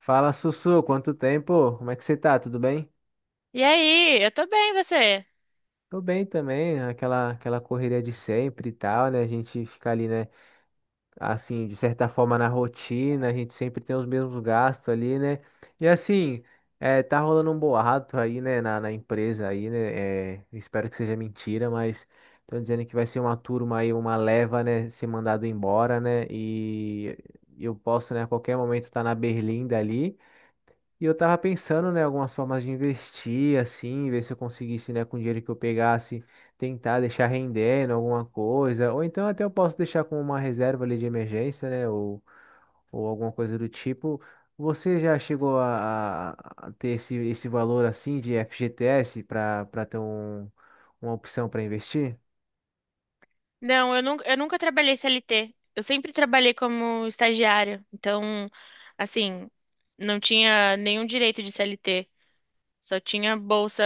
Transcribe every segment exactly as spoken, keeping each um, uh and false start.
Fala, Sussu, quanto tempo? Como é que você tá? Tudo bem? E aí, eu tô bem, você? Tô bem também, aquela aquela correria de sempre e tal, né? A gente fica ali, né, assim, de certa forma na rotina, a gente sempre tem os mesmos gastos ali, né? E assim, é, tá rolando um boato aí, né, na, na empresa aí, né? É, espero que seja mentira, mas estão dizendo que vai ser uma turma aí, uma leva, né, ser mandado embora, né? E eu posso, né, a qualquer momento estar tá na Berlinda ali. E eu tava pensando, né, algumas formas de investir, assim, ver se eu conseguisse, né, com o dinheiro que eu pegasse, tentar deixar rendendo alguma coisa, ou então até eu posso deixar com uma reserva ali de emergência, né, ou, ou alguma coisa do tipo. Você já chegou a, a- a ter esse, esse valor, assim, de F G T S para para ter um, uma opção para investir? Não, eu nunca, eu nunca trabalhei C L T. Eu sempre trabalhei como estagiária. Então, assim, não tinha nenhum direito de C L T. Só tinha bolsa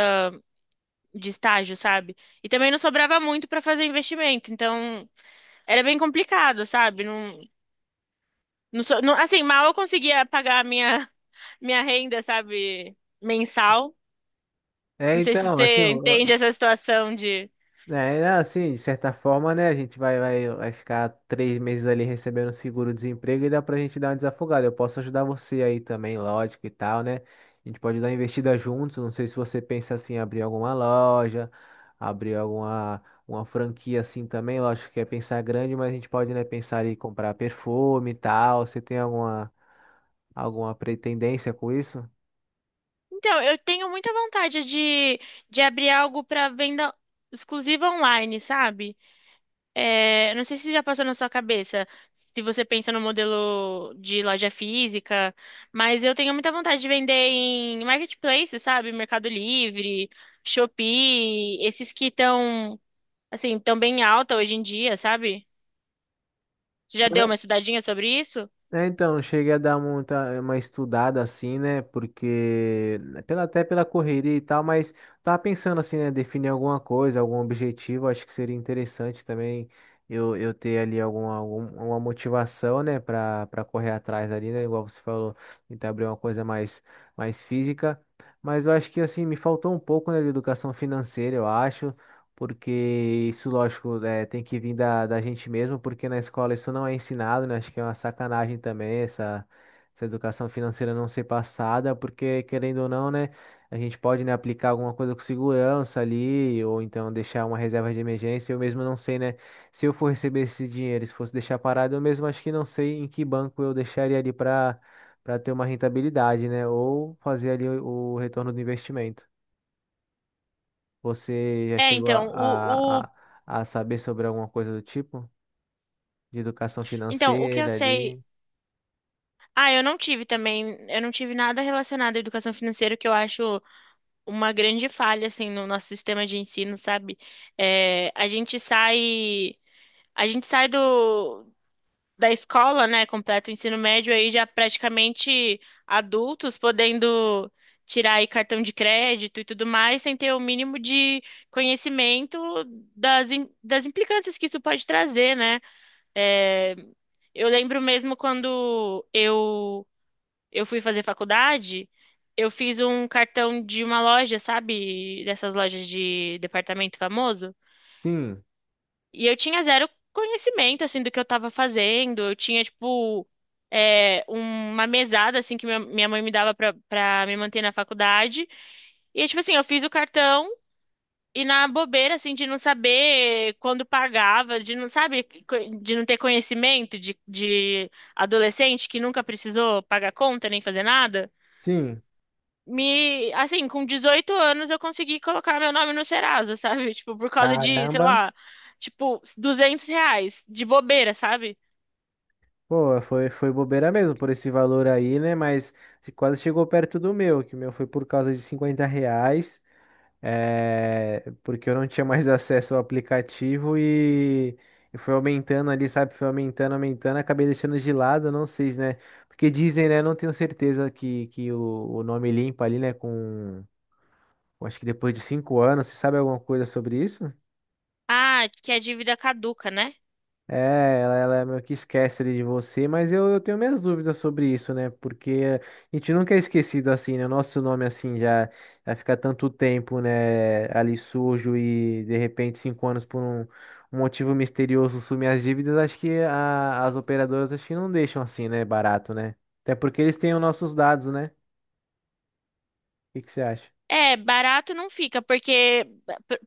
de estágio, sabe? E também não sobrava muito pra fazer investimento. Então, era bem complicado, sabe? Não, não, so- não- assim, mal eu conseguia pagar a minha, minha renda, sabe? Mensal. É, Não sei se então, assim, você ó, entende essa situação. é, né, assim, de certa forma, né, a gente vai, vai, vai ficar três meses ali recebendo seguro-desemprego e dá pra gente dar uma desafogada. Eu posso ajudar você aí também, lógico e tal, né? A gente pode dar uma investida juntos. Não sei se você pensa assim, em abrir alguma loja, abrir alguma uma franquia assim também. Lógico que é pensar grande, mas a gente pode, né, pensar em comprar perfume e tal. Você tem alguma, alguma pretendência com isso? Então, eu tenho muita vontade de, de abrir algo para venda exclusiva online, sabe? É, não sei se já passou na sua cabeça, se você pensa no modelo de loja física, mas eu tenho muita vontade de vender em marketplace, sabe? Mercado Livre, Shopee, esses que estão, assim, tão bem alta hoje em dia, sabe? Você já deu uma estudadinha sobre isso? É, então, cheguei a dar muita, uma estudada assim, né? Porque, né, pela, até pela correria e tal, mas tava pensando assim, né? Definir alguma coisa, algum objetivo, acho que seria interessante também eu, eu ter ali alguma, algum, alguma motivação, né? Pra, pra correr atrás ali, né? Igual você falou, tentar abrir uma coisa mais, mais física. Mas eu acho que assim, me faltou um pouco, né, de educação financeira, eu acho, porque isso, lógico, né, tem que vir da, da gente mesmo, porque na escola isso não é ensinado, né? Acho que é uma sacanagem também essa, essa educação financeira não ser passada, porque querendo ou não, né, a gente pode, né, aplicar alguma coisa com segurança ali, ou então deixar uma reserva de emergência. Eu mesmo não sei, né, se eu for receber esse dinheiro, se fosse deixar parado, eu mesmo acho que não sei em que banco eu deixaria ali para para ter uma rentabilidade, né, ou fazer ali o o retorno do investimento. Você já É, chegou a, então, o, a, o, a a saber sobre alguma coisa do tipo? De educação então, o que eu financeira sei. ali? Ah, eu não tive também, eu não tive nada relacionado à educação financeira, que eu acho uma grande falha, assim, no nosso sistema de ensino, sabe? É, a gente sai, a gente sai do, da escola, né, completa o ensino médio aí já praticamente adultos, podendo tirar aí cartão de crédito e tudo mais, sem ter o mínimo de conhecimento das, im- das implicâncias que isso pode trazer, né? É, eu lembro mesmo quando eu eu fui fazer faculdade, eu fiz um cartão de uma loja, sabe? Dessas lojas de departamento famoso. Sim, E eu tinha zero conhecimento, assim, do que eu tava fazendo. Eu tinha, tipo, é, uma mesada, assim, que minha minha mãe me dava pra, pra me manter na faculdade. E, tipo assim, eu fiz o cartão. E na bobeira, assim, de não saber quando pagava, de não, sabe, co- de não ter conhecimento de, de adolescente que nunca precisou pagar conta nem fazer nada. sim. Me, assim, com dezoito anos eu consegui colocar meu nome no Serasa, sabe? Tipo, por causa de, sei Caramba. lá, tipo, duzentos reais de bobeira, sabe? Pô, foi, foi bobeira mesmo por esse valor aí, né? Mas se quase chegou perto do meu, que o meu foi por causa de cinquenta reais, é, porque eu não tinha mais acesso ao aplicativo e, e foi aumentando ali, sabe? Foi aumentando, aumentando, acabei deixando de lado, não sei, né? Porque dizem, né? Não tenho certeza que, que o, o nome limpa ali, né? Com eu acho que depois de cinco anos, você sabe alguma coisa sobre isso? Ah, que a dívida caduca, né? É, ela, ela meio que esquece ali de você, mas eu, eu tenho minhas dúvidas sobre isso, né? Porque a gente nunca é esquecido assim, né? O nosso nome assim já, já fica tanto tempo, né? Ali sujo e de repente cinco anos por um, um motivo misterioso sumir as dívidas. Acho que a- as operadoras acho que não deixam assim, né? Barato, né? Até porque eles têm os nossos dados, né? O que que você acha? É, barato não fica, porque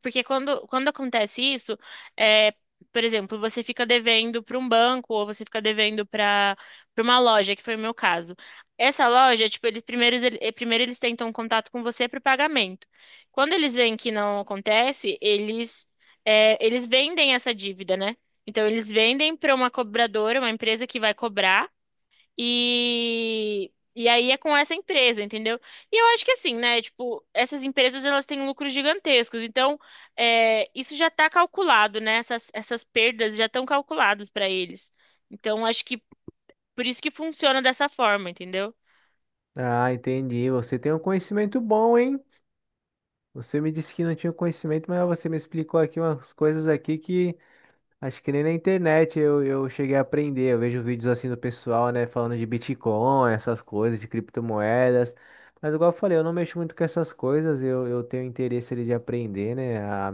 porque quando, quando acontece isso, é, por exemplo, você fica devendo para um banco ou você fica devendo para para uma loja, que foi o meu caso. Essa loja, tipo, eles primeiro, ele- eh, primeiro eles tentam contato com você para o pagamento. Quando eles veem que não acontece, eles é, eles vendem essa dívida, né? Então eles vendem para uma cobradora, uma empresa que vai cobrar. E, e aí é com essa empresa, entendeu? E eu acho que assim, né? Tipo, essas empresas elas têm lucros gigantescos, então é, isso já tá calculado, né? Essas, essas perdas já estão calculadas para eles. Então acho que por isso que funciona dessa forma, entendeu? Ah, entendi. Você tem um conhecimento bom, hein? Você me disse que não tinha conhecimento, mas você me explicou aqui umas coisas aqui que acho que nem na internet eu, eu cheguei a aprender. Eu vejo vídeos assim do pessoal, né, falando de Bitcoin, essas coisas, de criptomoedas. Mas igual eu falei, eu não mexo muito com essas coisas. Eu, eu tenho interesse ali de aprender, né? A,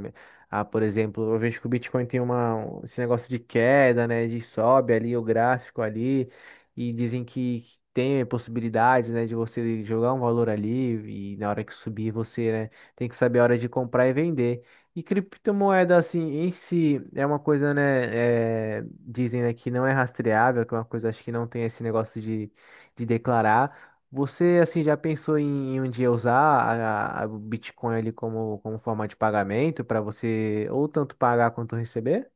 a, por exemplo, eu vejo que o Bitcoin tem uma, um- esse negócio de queda, né? De sobe ali o gráfico ali. E dizem que tem possibilidades, né, de você jogar um valor ali e na hora que subir você, né, tem que saber a hora de comprar e vender. E criptomoeda, assim, em si, é uma coisa, né? é, dizem, né, que não é rastreável, que é uma coisa, acho que não tem esse negócio de, de declarar. Você, assim, já pensou em, em um dia usar a, a- o Bitcoin ali como, como forma de pagamento para você ou tanto pagar quanto receber?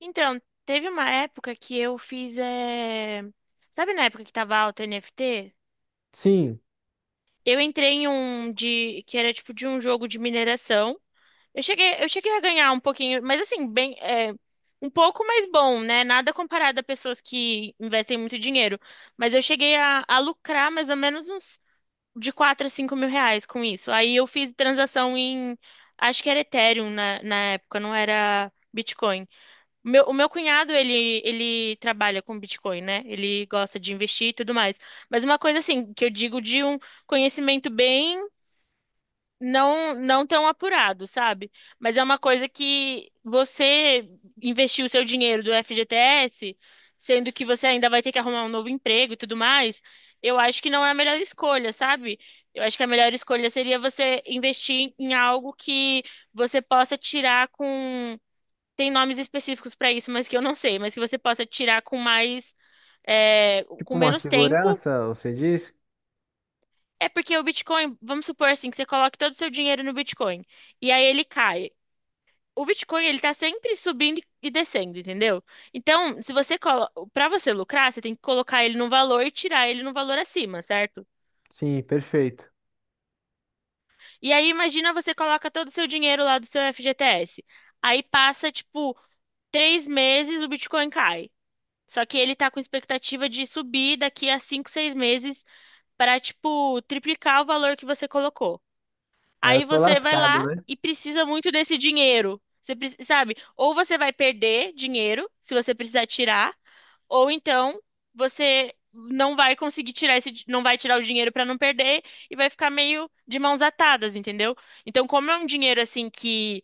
Então, teve uma época que eu fiz. É, sabe na época que tava alta N F T? Sim. Eu entrei em um de que era tipo de um jogo de mineração. Eu cheguei, eu cheguei a ganhar um pouquinho, mas assim, bem, é, um pouco mais bom, né? Nada comparado a pessoas que investem muito dinheiro. Mas eu cheguei a, a lucrar mais ou menos uns de quatro a cinco mil reais com isso. Aí eu fiz transação em, acho que era Ethereum na, na época, não era Bitcoin. O Meu, o meu cunhado, ele, ele trabalha com Bitcoin, né? Ele gosta de investir e tudo mais. Mas uma coisa assim, que eu digo de um conhecimento bem não não tão apurado, sabe? Mas é uma coisa que você investiu o seu dinheiro do F G T S, sendo que você ainda vai ter que arrumar um novo emprego e tudo mais, eu acho que não é a melhor escolha, sabe? Eu acho que a melhor escolha seria você investir em algo que você possa tirar com. Tem nomes específicos para isso, mas que eu não sei, mas que você possa tirar com mais. É, Tipo com uma menos tempo. segurança, você diz? É porque o Bitcoin, vamos supor assim, que você coloque todo o seu dinheiro no Bitcoin e aí ele cai. O Bitcoin, ele tá sempre subindo e descendo, entendeu? Então, se você colo... para você lucrar, você tem que colocar ele num valor e tirar ele num valor acima, certo? Sim, perfeito. E aí imagina você coloca todo o seu dinheiro lá do seu F G T S. Aí passa tipo três meses, o Bitcoin cai. Só que ele tá com expectativa de subir daqui a cinco, seis meses para tipo triplicar o valor que você colocou. Aí eu Aí tô você vai lascado, lá né? e precisa muito desse dinheiro. Você preci- sabe? Ou você vai perder dinheiro se você precisar tirar, ou então você não vai conseguir tirar esse, di- não vai tirar o dinheiro para não perder e vai ficar meio de mãos atadas, entendeu? Então, como é um dinheiro assim que,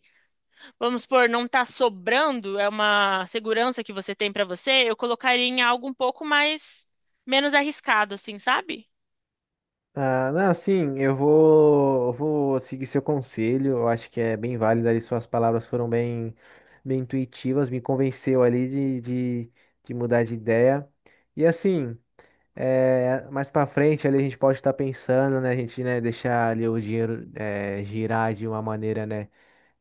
vamos supor, não tá sobrando, é uma segurança que você tem para você, eu colocaria em algo um pouco mais menos arriscado, assim, sabe? Ah, não, sim, eu vou, eu vou seguir seu conselho. Eu acho que é bem válido ali. Suas palavras foram bem, bem intuitivas, me convenceu ali de, de, de mudar de ideia. E assim, é, mais pra frente ali a gente pode estar pensando, né? A gente, né, deixar ali o dinheiro, é, girar de uma maneira, né?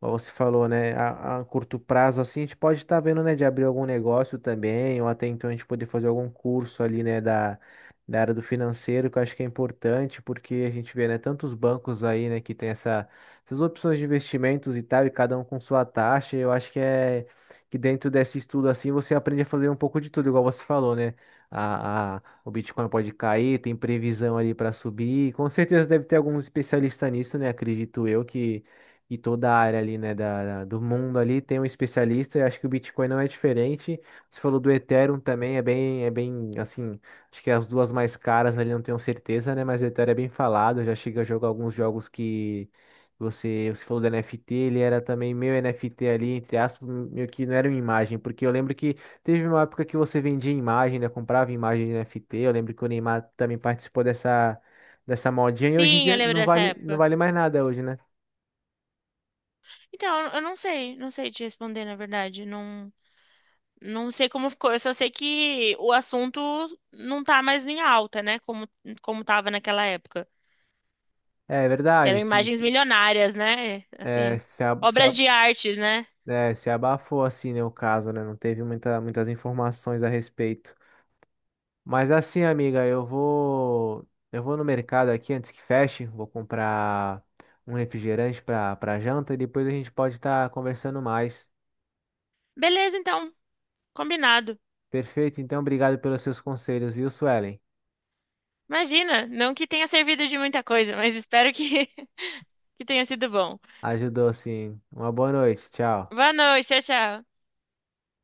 Como você falou, né? A, a curto prazo, assim, a gente pode estar vendo, né, de abrir algum negócio também, ou até então a gente poder fazer algum curso ali, né, da, da área do financeiro, que eu acho que é importante, porque a gente vê, né, tantos bancos aí, né, que tem essa, essas opções de investimentos e tal, e cada um com sua taxa. Eu acho que é que dentro desse estudo, assim, você aprende a fazer um pouco de tudo, igual você falou, né? A, a- o Bitcoin pode cair, tem previsão ali para subir. Com certeza deve ter algum especialista nisso, né? Acredito eu, e toda a área ali, né, da, da- do mundo ali tem um especialista, e acho que o Bitcoin não é diferente. Você falou do Ethereum também, é bem, é bem, assim, acho que as duas mais caras ali, não tenho certeza, né, mas o Ethereum é bem falado, eu já cheguei a jogar alguns jogos que você, você falou do N F T, ele era também meio N F T ali, entre aspas, meio que não era uma imagem, porque eu lembro que teve uma época que você vendia imagem, né, comprava imagem de N F T, eu lembro que o Neymar também participou dessa... dessa modinha, e hoje em Pinho, eu dia lembro não dessa vale, não época. vale mais nada hoje, né? Então, eu eu não sei, não sei te responder, na verdade. Não, não sei como ficou. Eu só sei que o assunto não tá mais em alta, né? Como, como tava naquela época. É Que eram verdade, se, imagens se, milionárias, né? é, Assim, se, a- se a- obras de arte, né? é, se abafou assim, né, o caso, né? Não teve muita, muitas informações a respeito. Mas assim, amiga, eu vou eu vou no mercado aqui antes que feche, vou comprar um refrigerante para para janta e depois a gente pode estar conversando mais. Beleza, então, combinado. Perfeito, então obrigado pelos seus conselhos, viu, Suelen? Imagina, não que tenha servido de muita coisa, mas espero que, que tenha sido bom. Ajudou sim. Uma boa noite, tchau. Boa noite, tchau, tchau.